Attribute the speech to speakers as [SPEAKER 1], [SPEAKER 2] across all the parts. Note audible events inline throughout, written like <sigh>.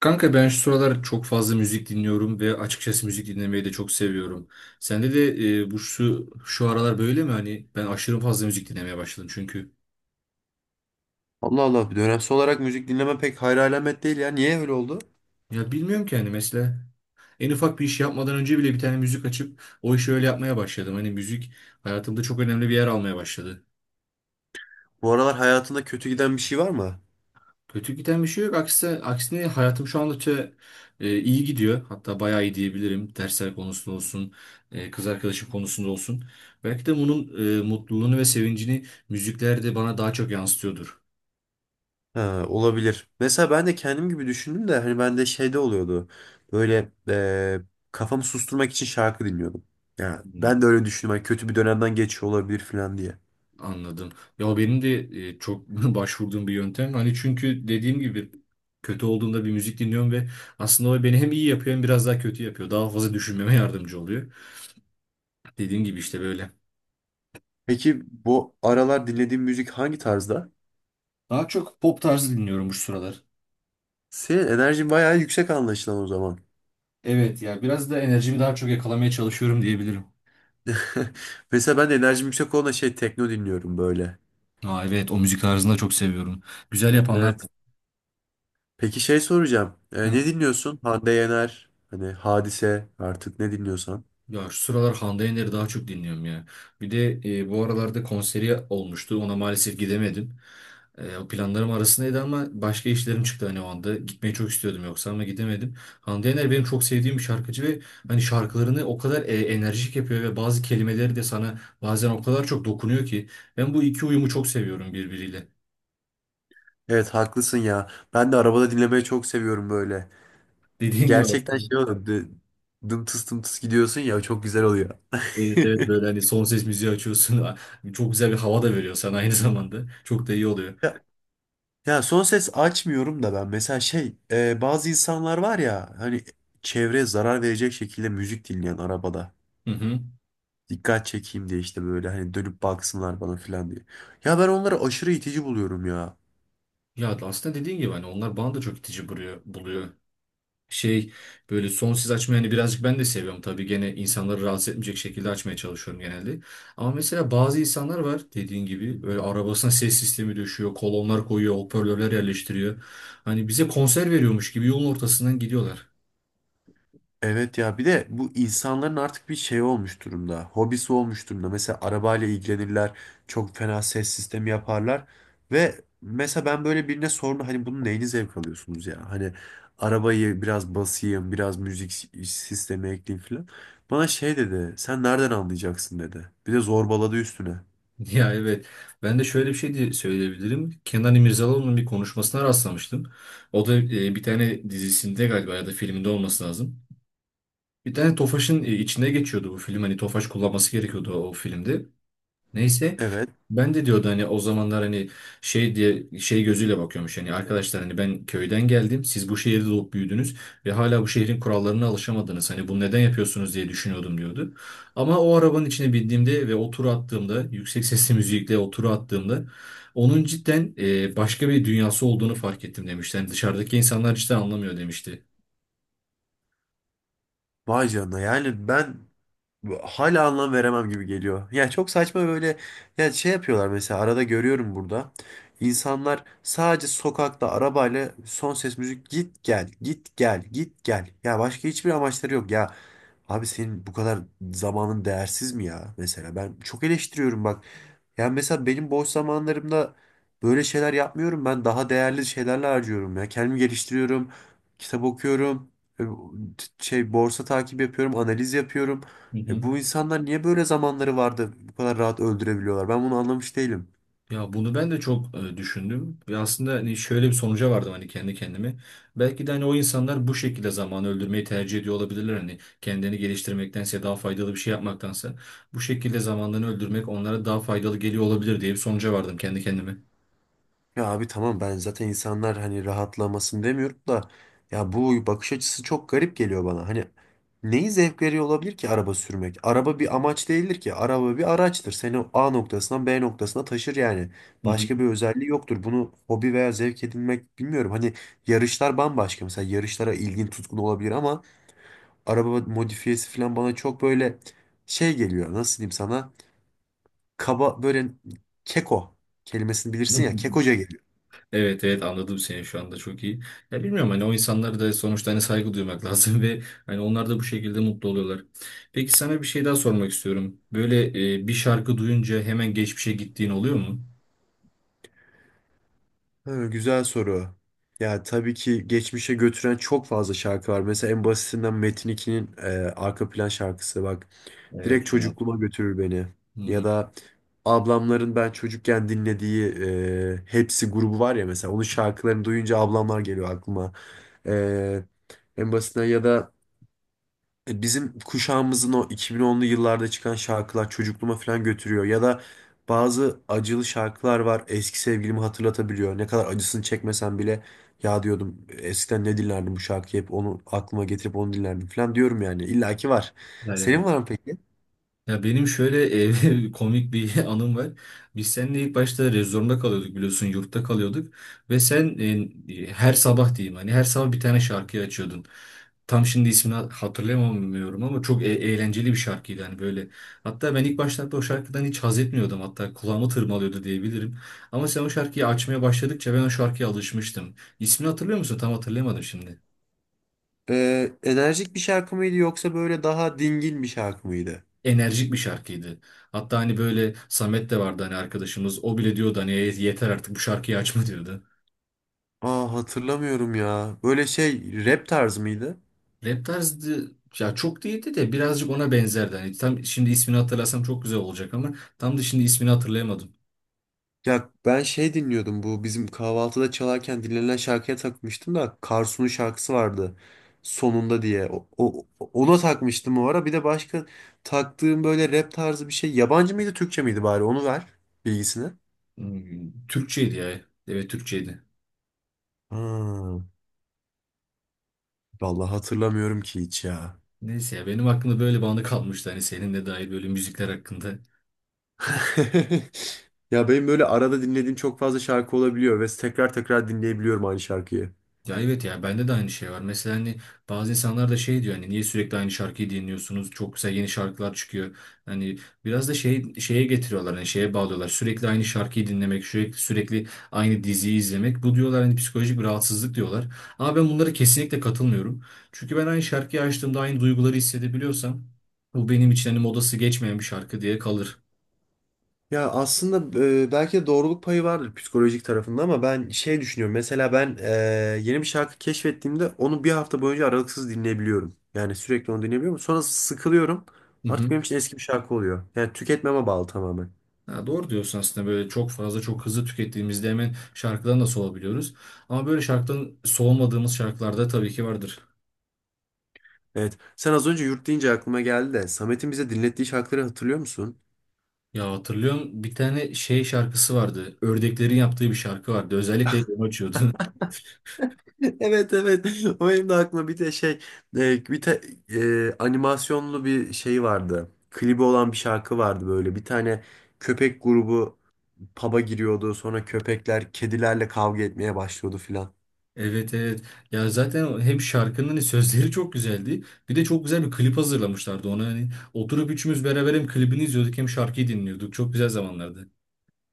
[SPEAKER 1] Kanka ben şu sıralar çok fazla müzik dinliyorum ve açıkçası müzik dinlemeyi de çok seviyorum. Sende de bu şu aralar böyle mi? Hani ben aşırı fazla müzik dinlemeye başladım çünkü.
[SPEAKER 2] Allah Allah. Dönemsel olarak müzik dinleme pek hayra alamet değil ya. Niye öyle oldu?
[SPEAKER 1] Ya bilmiyorum ki hani mesela en ufak bir iş yapmadan önce bile bir tane müzik açıp o işi öyle yapmaya başladım. Hani müzik hayatımda çok önemli bir yer almaya başladı.
[SPEAKER 2] Bu aralar hayatında kötü giden bir şey var mı?
[SPEAKER 1] Kötü giden bir şey yok. Aksine, aksine hayatım şu anda iyi gidiyor. Hatta bayağı iyi diyebilirim. Dersler konusunda olsun, kız arkadaşım konusunda olsun. Belki de bunun mutluluğunu ve sevincini müzikler de bana daha çok yansıtıyordur.
[SPEAKER 2] Ha, olabilir. Mesela ben de kendim gibi düşündüm de hani bende şeyde oluyordu. Böyle kafamı susturmak için şarkı dinliyordum. Ya
[SPEAKER 1] Hmm,
[SPEAKER 2] ben de öyle düşündüm. Hani kötü bir dönemden geçiyor olabilir falan diye.
[SPEAKER 1] anladım. Ya benim de çok <laughs> başvurduğum bir yöntem. Hani çünkü dediğim gibi kötü olduğumda bir müzik dinliyorum ve aslında o beni hem iyi yapıyor hem biraz daha kötü yapıyor. Daha fazla düşünmeme yardımcı oluyor. Dediğim gibi işte böyle.
[SPEAKER 2] Peki bu aralar dinlediğin müzik hangi tarzda?
[SPEAKER 1] Daha çok pop tarzı dinliyorum bu sıralar.
[SPEAKER 2] Senin enerjin bayağı yüksek anlaşılan o zaman.
[SPEAKER 1] Evet ya biraz da enerjimi daha çok yakalamaya çalışıyorum diyebilirim.
[SPEAKER 2] <laughs> Mesela ben de enerjim yüksek olan şey tekno dinliyorum böyle.
[SPEAKER 1] Aa, evet o müzik tarzını da çok seviyorum. Güzel yapanlar.
[SPEAKER 2] Evet. Peki şey soracağım. E,
[SPEAKER 1] Hı.
[SPEAKER 2] ne dinliyorsun? Hande Yener, hani Hadise artık ne dinliyorsan.
[SPEAKER 1] Ya şu sıralar Hande Yener'i daha çok dinliyorum ya. Bir de bu aralarda konseri olmuştu. Ona maalesef gidemedim. O planlarım arasındaydı ama başka işlerim çıktı hani o anda. Gitmeyi çok istiyordum yoksa ama gidemedim. Hande Yener benim çok sevdiğim bir şarkıcı ve hani şarkılarını o kadar enerjik yapıyor ve bazı kelimeleri de sana bazen o kadar çok dokunuyor ki. Ben bu iki uyumu çok seviyorum birbiriyle.
[SPEAKER 2] Evet haklısın ya. Ben de arabada dinlemeyi çok seviyorum böyle.
[SPEAKER 1] Dediğin gibi
[SPEAKER 2] Gerçekten
[SPEAKER 1] aslında.
[SPEAKER 2] şey oluyor. Dım tıs dım tıs gidiyorsun ya çok güzel oluyor.
[SPEAKER 1] Evet, evet,
[SPEAKER 2] <laughs>
[SPEAKER 1] böyle hani son ses müziği açıyorsun. <laughs> Çok güzel bir hava da veriyor sana aynı <laughs> zamanda. Çok da iyi oluyor.
[SPEAKER 2] Ya, ya son ses açmıyorum da ben mesela şey bazı insanlar var ya hani çevreye zarar verecek şekilde müzik dinleyen arabada.
[SPEAKER 1] Hı hı.
[SPEAKER 2] Dikkat çekeyim diye işte böyle hani dönüp baksınlar bana falan diye. Ya ben onları aşırı itici buluyorum ya.
[SPEAKER 1] Ya aslında dediğin gibi hani onlar bana da çok itici buluyor. Şey Böyle son ses açmayı hani birazcık ben de seviyorum. Tabii gene insanları rahatsız etmeyecek şekilde açmaya çalışıyorum genelde. Ama mesela bazı insanlar var dediğin gibi böyle arabasına ses sistemi döşüyor, kolonlar koyuyor, hoparlörler yerleştiriyor. Hani bize konser veriyormuş gibi yolun ortasından gidiyorlar.
[SPEAKER 2] Evet ya bir de bu insanların artık bir şey olmuş durumda. Hobisi olmuş durumda. Mesela arabayla ilgilenirler. Çok fena ses sistemi yaparlar. Ve mesela ben böyle birine sordum. Hani bunun neyini zevk alıyorsunuz ya? Hani arabayı biraz basayım, biraz sistemi ekleyeyim falan. Bana şey dedi. Sen nereden anlayacaksın dedi. Bir de zorbaladı üstüne.
[SPEAKER 1] Ya evet. Ben de şöyle bir şey diye söyleyebilirim. Kenan İmirzalıoğlu'nun bir konuşmasına rastlamıştım. O da bir tane dizisinde galiba ya da filminde olması lazım. Bir tane Tofaş'ın içine geçiyordu bu film. Hani Tofaş kullanması gerekiyordu o filmde. Neyse.
[SPEAKER 2] Evet.
[SPEAKER 1] Ben de diyordu hani o zamanlar hani şey diye şey gözüyle bakıyormuş hani arkadaşlar hani ben köyden geldim, siz bu şehirde doğup büyüdünüz ve hala bu şehrin kurallarına alışamadınız, hani bunu neden yapıyorsunuz diye düşünüyordum diyordu. Ama o arabanın içine bindiğimde ve o turu attığımda, yüksek sesli <laughs> müzikle o turu attığımda onun cidden başka bir dünyası olduğunu fark ettim demişti. Yani dışarıdaki insanlar cidden anlamıyor demişti.
[SPEAKER 2] Vay canına yani ben hala anlam veremem gibi geliyor. Ya çok saçma böyle ya şey yapıyorlar mesela arada görüyorum burada. İnsanlar sadece sokakta arabayla son ses müzik git gel git gel git gel. Ya başka hiçbir amaçları yok ya. Abi senin bu kadar zamanın değersiz mi ya mesela? Ben çok eleştiriyorum bak. Yani mesela benim boş zamanlarımda böyle şeyler yapmıyorum. Ben daha değerli şeylerle harcıyorum ya. Kendimi geliştiriyorum, kitap okuyorum, şey borsa takip yapıyorum, analiz yapıyorum. E bu insanlar niye böyle zamanları vardı bu kadar rahat öldürebiliyorlar? Ben bunu anlamış değilim.
[SPEAKER 1] Ya bunu ben de çok düşündüm. Ve aslında hani şöyle bir sonuca vardım hani kendi kendime. Belki de hani o insanlar bu şekilde zamanı öldürmeyi tercih ediyor olabilirler. Hani kendini geliştirmektense, daha faydalı bir şey yapmaktansa bu şekilde zamanlarını öldürmek onlara daha faydalı geliyor olabilir diye bir sonuca vardım kendi kendime.
[SPEAKER 2] Ya abi tamam ben zaten insanlar hani rahatlamasın demiyorum da ya bu bakış açısı çok garip geliyor bana. Hani neyi zevk veriyor olabilir ki araba sürmek? Araba bir amaç değildir ki. Araba bir araçtır. Seni A noktasından B noktasına taşır yani.
[SPEAKER 1] Hı hı.
[SPEAKER 2] Başka bir özelliği yoktur. Bunu hobi veya zevk edinmek bilmiyorum. Hani yarışlar bambaşka. Mesela yarışlara ilgin tutkun olabilir ama araba modifiyesi falan bana çok böyle şey geliyor. Nasıl diyeyim sana? Kaba böyle keko kelimesini bilirsin ya.
[SPEAKER 1] <laughs>
[SPEAKER 2] Kekoca geliyor.
[SPEAKER 1] Evet, evet, anladım seni şu anda çok iyi. Ya bilmiyorum, hani o insanlara da sonuçta hani saygı duymak lazım <laughs> ve hani onlar da bu şekilde mutlu oluyorlar. Peki sana bir şey daha sormak istiyorum. Böyle bir şarkı duyunca hemen geçmişe gittiğin oluyor mu?
[SPEAKER 2] Ha, güzel soru. Ya tabii ki geçmişe götüren çok fazla şarkı var. Mesela en basitinden Metin 2'nin arka plan şarkısı bak. Direkt
[SPEAKER 1] Evet ya.
[SPEAKER 2] çocukluğuma götürür beni.
[SPEAKER 1] Hı
[SPEAKER 2] Ya
[SPEAKER 1] hı.
[SPEAKER 2] da ablamların ben çocukken dinlediği Hepsi grubu var ya mesela. Onun şarkılarını duyunca ablamlar geliyor aklıma. E, En basitinden ya da bizim kuşağımızın o 2010'lu yıllarda çıkan şarkılar çocukluğuma falan götürüyor. Ya da bazı acılı şarkılar var eski sevgilimi hatırlatabiliyor. Ne kadar acısını çekmesem bile ya diyordum eskiden ne dinlerdim bu şarkıyı hep onu aklıma getirip onu dinlerdim falan diyorum yani. İlla ki var. Senin
[SPEAKER 1] Evet.
[SPEAKER 2] var mı peki?
[SPEAKER 1] Ya benim şöyle <laughs> komik bir anım var. Biz seninle ilk başta rezorunda kalıyorduk, biliyorsun, yurtta kalıyorduk. Ve sen her sabah diyeyim, hani her sabah bir tane şarkıyı açıyordun. Tam şimdi ismini hatırlayamıyorum ama çok eğlenceli bir şarkıydı hani böyle. Hatta ben ilk başlarda o şarkıdan hiç haz etmiyordum, hatta kulağımı tırmalıyordu diyebilirim. Ama sen o şarkıyı açmaya başladıkça ben o şarkıya alışmıştım. İsmini hatırlıyor musun? Tam hatırlayamadım şimdi.
[SPEAKER 2] Enerjik bir şarkı mıydı yoksa böyle daha dingin bir şarkı mıydı?
[SPEAKER 1] Enerjik bir şarkıydı. Hatta hani böyle Samet de vardı hani arkadaşımız. O bile diyordu hani "E, yeter artık bu şarkıyı açma" diyordu.
[SPEAKER 2] Aa hatırlamıyorum ya. Böyle şey rap tarzı mıydı?
[SPEAKER 1] Rap tarzı ya çok değildi de birazcık ona benzerdi. Hani tam şimdi ismini hatırlasam çok güzel olacak ama tam da şimdi ismini hatırlayamadım.
[SPEAKER 2] Ya ben şey dinliyordum bu bizim kahvaltıda çalarken dinlenen şarkıya takmıştım da Karsu'nun şarkısı vardı sonunda diye. Ona takmıştım o ara. Bir de başka taktığım böyle rap tarzı bir şey. Yabancı mıydı Türkçe miydi bari onu ver bilgisini.
[SPEAKER 1] Hmm, Türkçeydi ya. Evet, Türkçeydi.
[SPEAKER 2] Ha, vallahi hatırlamıyorum ki hiç ya.
[SPEAKER 1] Neyse ya, benim aklımda böyle bir anı kalmıştı hani seninle dair böyle müzikler hakkında.
[SPEAKER 2] <laughs> Ya benim böyle arada dinlediğim çok fazla şarkı olabiliyor ve tekrar tekrar dinleyebiliyorum aynı şarkıyı.
[SPEAKER 1] Ya evet, ya bende de aynı şey var. Mesela hani bazı insanlar da şey diyor hani niye sürekli aynı şarkıyı dinliyorsunuz? Çok güzel yeni şarkılar çıkıyor. Hani biraz da şey şeye getiriyorlar, hani şeye bağlıyorlar. Sürekli aynı şarkıyı dinlemek, sürekli, sürekli aynı diziyi izlemek. Bu diyorlar hani psikolojik bir rahatsızlık diyorlar. Ama ben bunlara kesinlikle katılmıyorum. Çünkü ben aynı şarkıyı açtığımda aynı duyguları hissedebiliyorsam, bu benim için hani modası geçmeyen bir şarkı diye kalır.
[SPEAKER 2] Ya aslında belki de doğruluk payı vardır psikolojik tarafında ama ben şey düşünüyorum. Mesela ben yeni bir şarkı keşfettiğimde onu bir hafta boyunca aralıksız dinleyebiliyorum. Yani sürekli onu dinleyebiliyorum. Sonra sıkılıyorum. Artık benim için eski bir şarkı oluyor. Yani tüketmeme bağlı tamamen.
[SPEAKER 1] Ha, doğru diyorsun aslında, böyle çok fazla çok hızlı tükettiğimizde hemen şarkıdan da soğuyabiliyoruz. Ama böyle şarkıdan soğumadığımız şarkılarda tabii ki vardır.
[SPEAKER 2] Evet. Sen az önce yurt deyince aklıma geldi de Samet'in bize dinlettiği şarkıları hatırlıyor musun? <laughs>
[SPEAKER 1] Ya hatırlıyorum, bir tane şey şarkısı vardı. Ördeklerin yaptığı bir şarkı vardı. Özellikle hep onu açıyordu. <laughs>
[SPEAKER 2] Evet evet. O benim de aklıma bir de şey e, bir te, animasyonlu bir şey vardı. Klibi olan bir şarkı vardı böyle. Bir tane köpek grubu pub'a giriyordu. Sonra köpekler kedilerle kavga etmeye başlıyordu filan.
[SPEAKER 1] Evet, evet. Ya zaten hem şarkının hani sözleri çok güzeldi. Bir de çok güzel bir klip hazırlamışlardı ona. Hani oturup üçümüz beraber hem klibini izliyorduk hem şarkıyı dinliyorduk. Çok güzel zamanlardı. <laughs>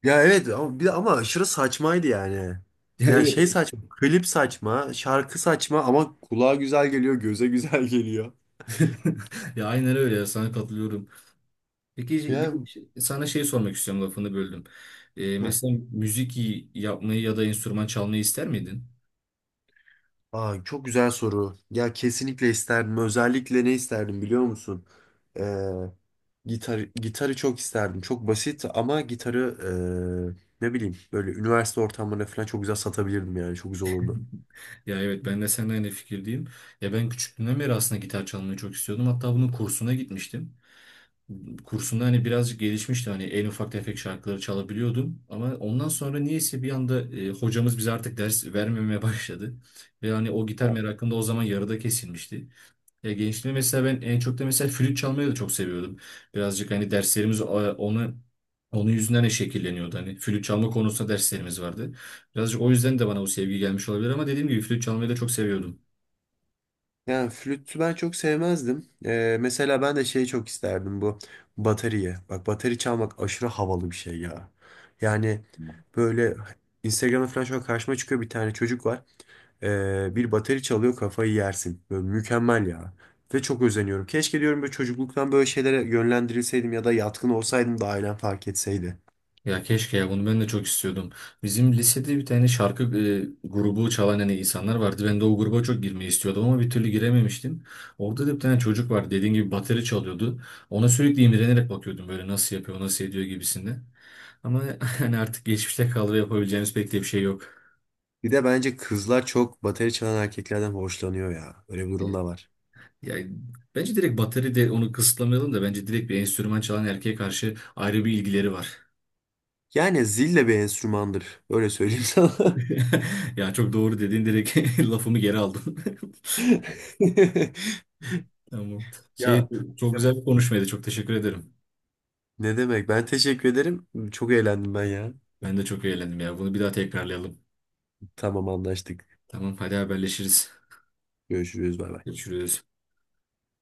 [SPEAKER 2] Ya evet ama, ama aşırı saçmaydı yani.
[SPEAKER 1] Ya
[SPEAKER 2] Yani
[SPEAKER 1] evet.
[SPEAKER 2] şey saçma, klip saçma, şarkı saçma ama kulağa güzel geliyor, göze güzel <laughs> geliyor.
[SPEAKER 1] <laughs> Ya aynen öyle ya, sana katılıyorum. Peki şey, bir de
[SPEAKER 2] Ya,
[SPEAKER 1] sana şey sormak istiyorum, lafını böldüm.
[SPEAKER 2] ya.
[SPEAKER 1] Mesela müzik yapmayı ya da enstrüman çalmayı ister miydin?
[SPEAKER 2] Aa, çok güzel soru. Ya kesinlikle isterdim. Özellikle ne isterdim biliyor musun? Ee, Gitarı çok isterdim. Çok basit ama gitarı ne bileyim böyle üniversite ortamlarında falan çok güzel satabilirdim yani. Çok güzel olurdu.
[SPEAKER 1] Ya evet, ben de seninle aynı fikirdeyim. Ya ben küçüklüğümden beri aslında gitar çalmayı çok istiyordum. Hatta bunun kursuna gitmiştim. Kursunda hani birazcık gelişmişti. Hani en ufak tefek şarkıları çalabiliyordum. Ama ondan sonra niyeyse bir anda hocamız bize artık ders vermemeye <laughs> başladı. Ve hani o gitar merakım da o zaman yarıda kesilmişti. Ya gençliğimde mesela ben en çok da mesela flüt çalmayı da çok seviyordum. Birazcık hani derslerimiz onu, onun yüzünden de şekilleniyordu. Hani flüt çalma konusunda derslerimiz vardı. Birazcık o yüzden de bana o sevgi gelmiş olabilir ama dediğim gibi flüt çalmayı da çok seviyordum.
[SPEAKER 2] Yani flütü ben çok sevmezdim. Mesela ben de şeyi çok isterdim bu bateriye. Bak bateri çalmak aşırı havalı bir şey ya. Yani böyle Instagram'da falan şu an karşıma çıkıyor bir tane çocuk var. Bir bateri çalıyor kafayı yersin. Böyle mükemmel ya. Ve çok özeniyorum. Keşke diyorum böyle çocukluktan böyle şeylere yönlendirilseydim ya da yatkın olsaydım da ailem fark etseydi.
[SPEAKER 1] Ya keşke ya, bunu ben de çok istiyordum. Bizim lisede bir tane şarkı grubu çalan hani insanlar vardı. Ben de o gruba çok girmeyi istiyordum ama bir türlü girememiştim. Orada da bir tane çocuk vardı. Dediğim gibi bateri çalıyordu. Ona sürekli imrenerek bakıyordum böyle, nasıl yapıyor, nasıl ediyor gibisinde. Ama <laughs> hani artık geçmişte kaldı ve yapabileceğimiz pek de bir şey yok.
[SPEAKER 2] Bir de bence kızlar çok bateri çalan erkeklerden hoşlanıyor ya. Öyle bir durum
[SPEAKER 1] Evet.
[SPEAKER 2] da var.
[SPEAKER 1] Yani bence direkt bateri de onu kısıtlamayalım da, bence direkt bir enstrüman çalan erkeğe karşı ayrı bir ilgileri var.
[SPEAKER 2] Yani zil de bir enstrümandır. Öyle söyleyeyim sana. <laughs>
[SPEAKER 1] <laughs> Ya çok doğru dedin, direkt <laughs> lafımı geri aldım. <laughs>
[SPEAKER 2] <laughs>
[SPEAKER 1] Tamam.
[SPEAKER 2] Ya
[SPEAKER 1] Çok
[SPEAKER 2] ya
[SPEAKER 1] güzel bir konuşmaydı. Çok teşekkür ederim.
[SPEAKER 2] ne demek? Ben teşekkür ederim. Çok eğlendim ben ya.
[SPEAKER 1] Ben de çok eğlendim ya. Bunu bir daha tekrarlayalım.
[SPEAKER 2] Tamam anlaştık.
[SPEAKER 1] Tamam, hadi haberleşiriz.
[SPEAKER 2] Görüşürüz. Bay bay.
[SPEAKER 1] Görüşürüz.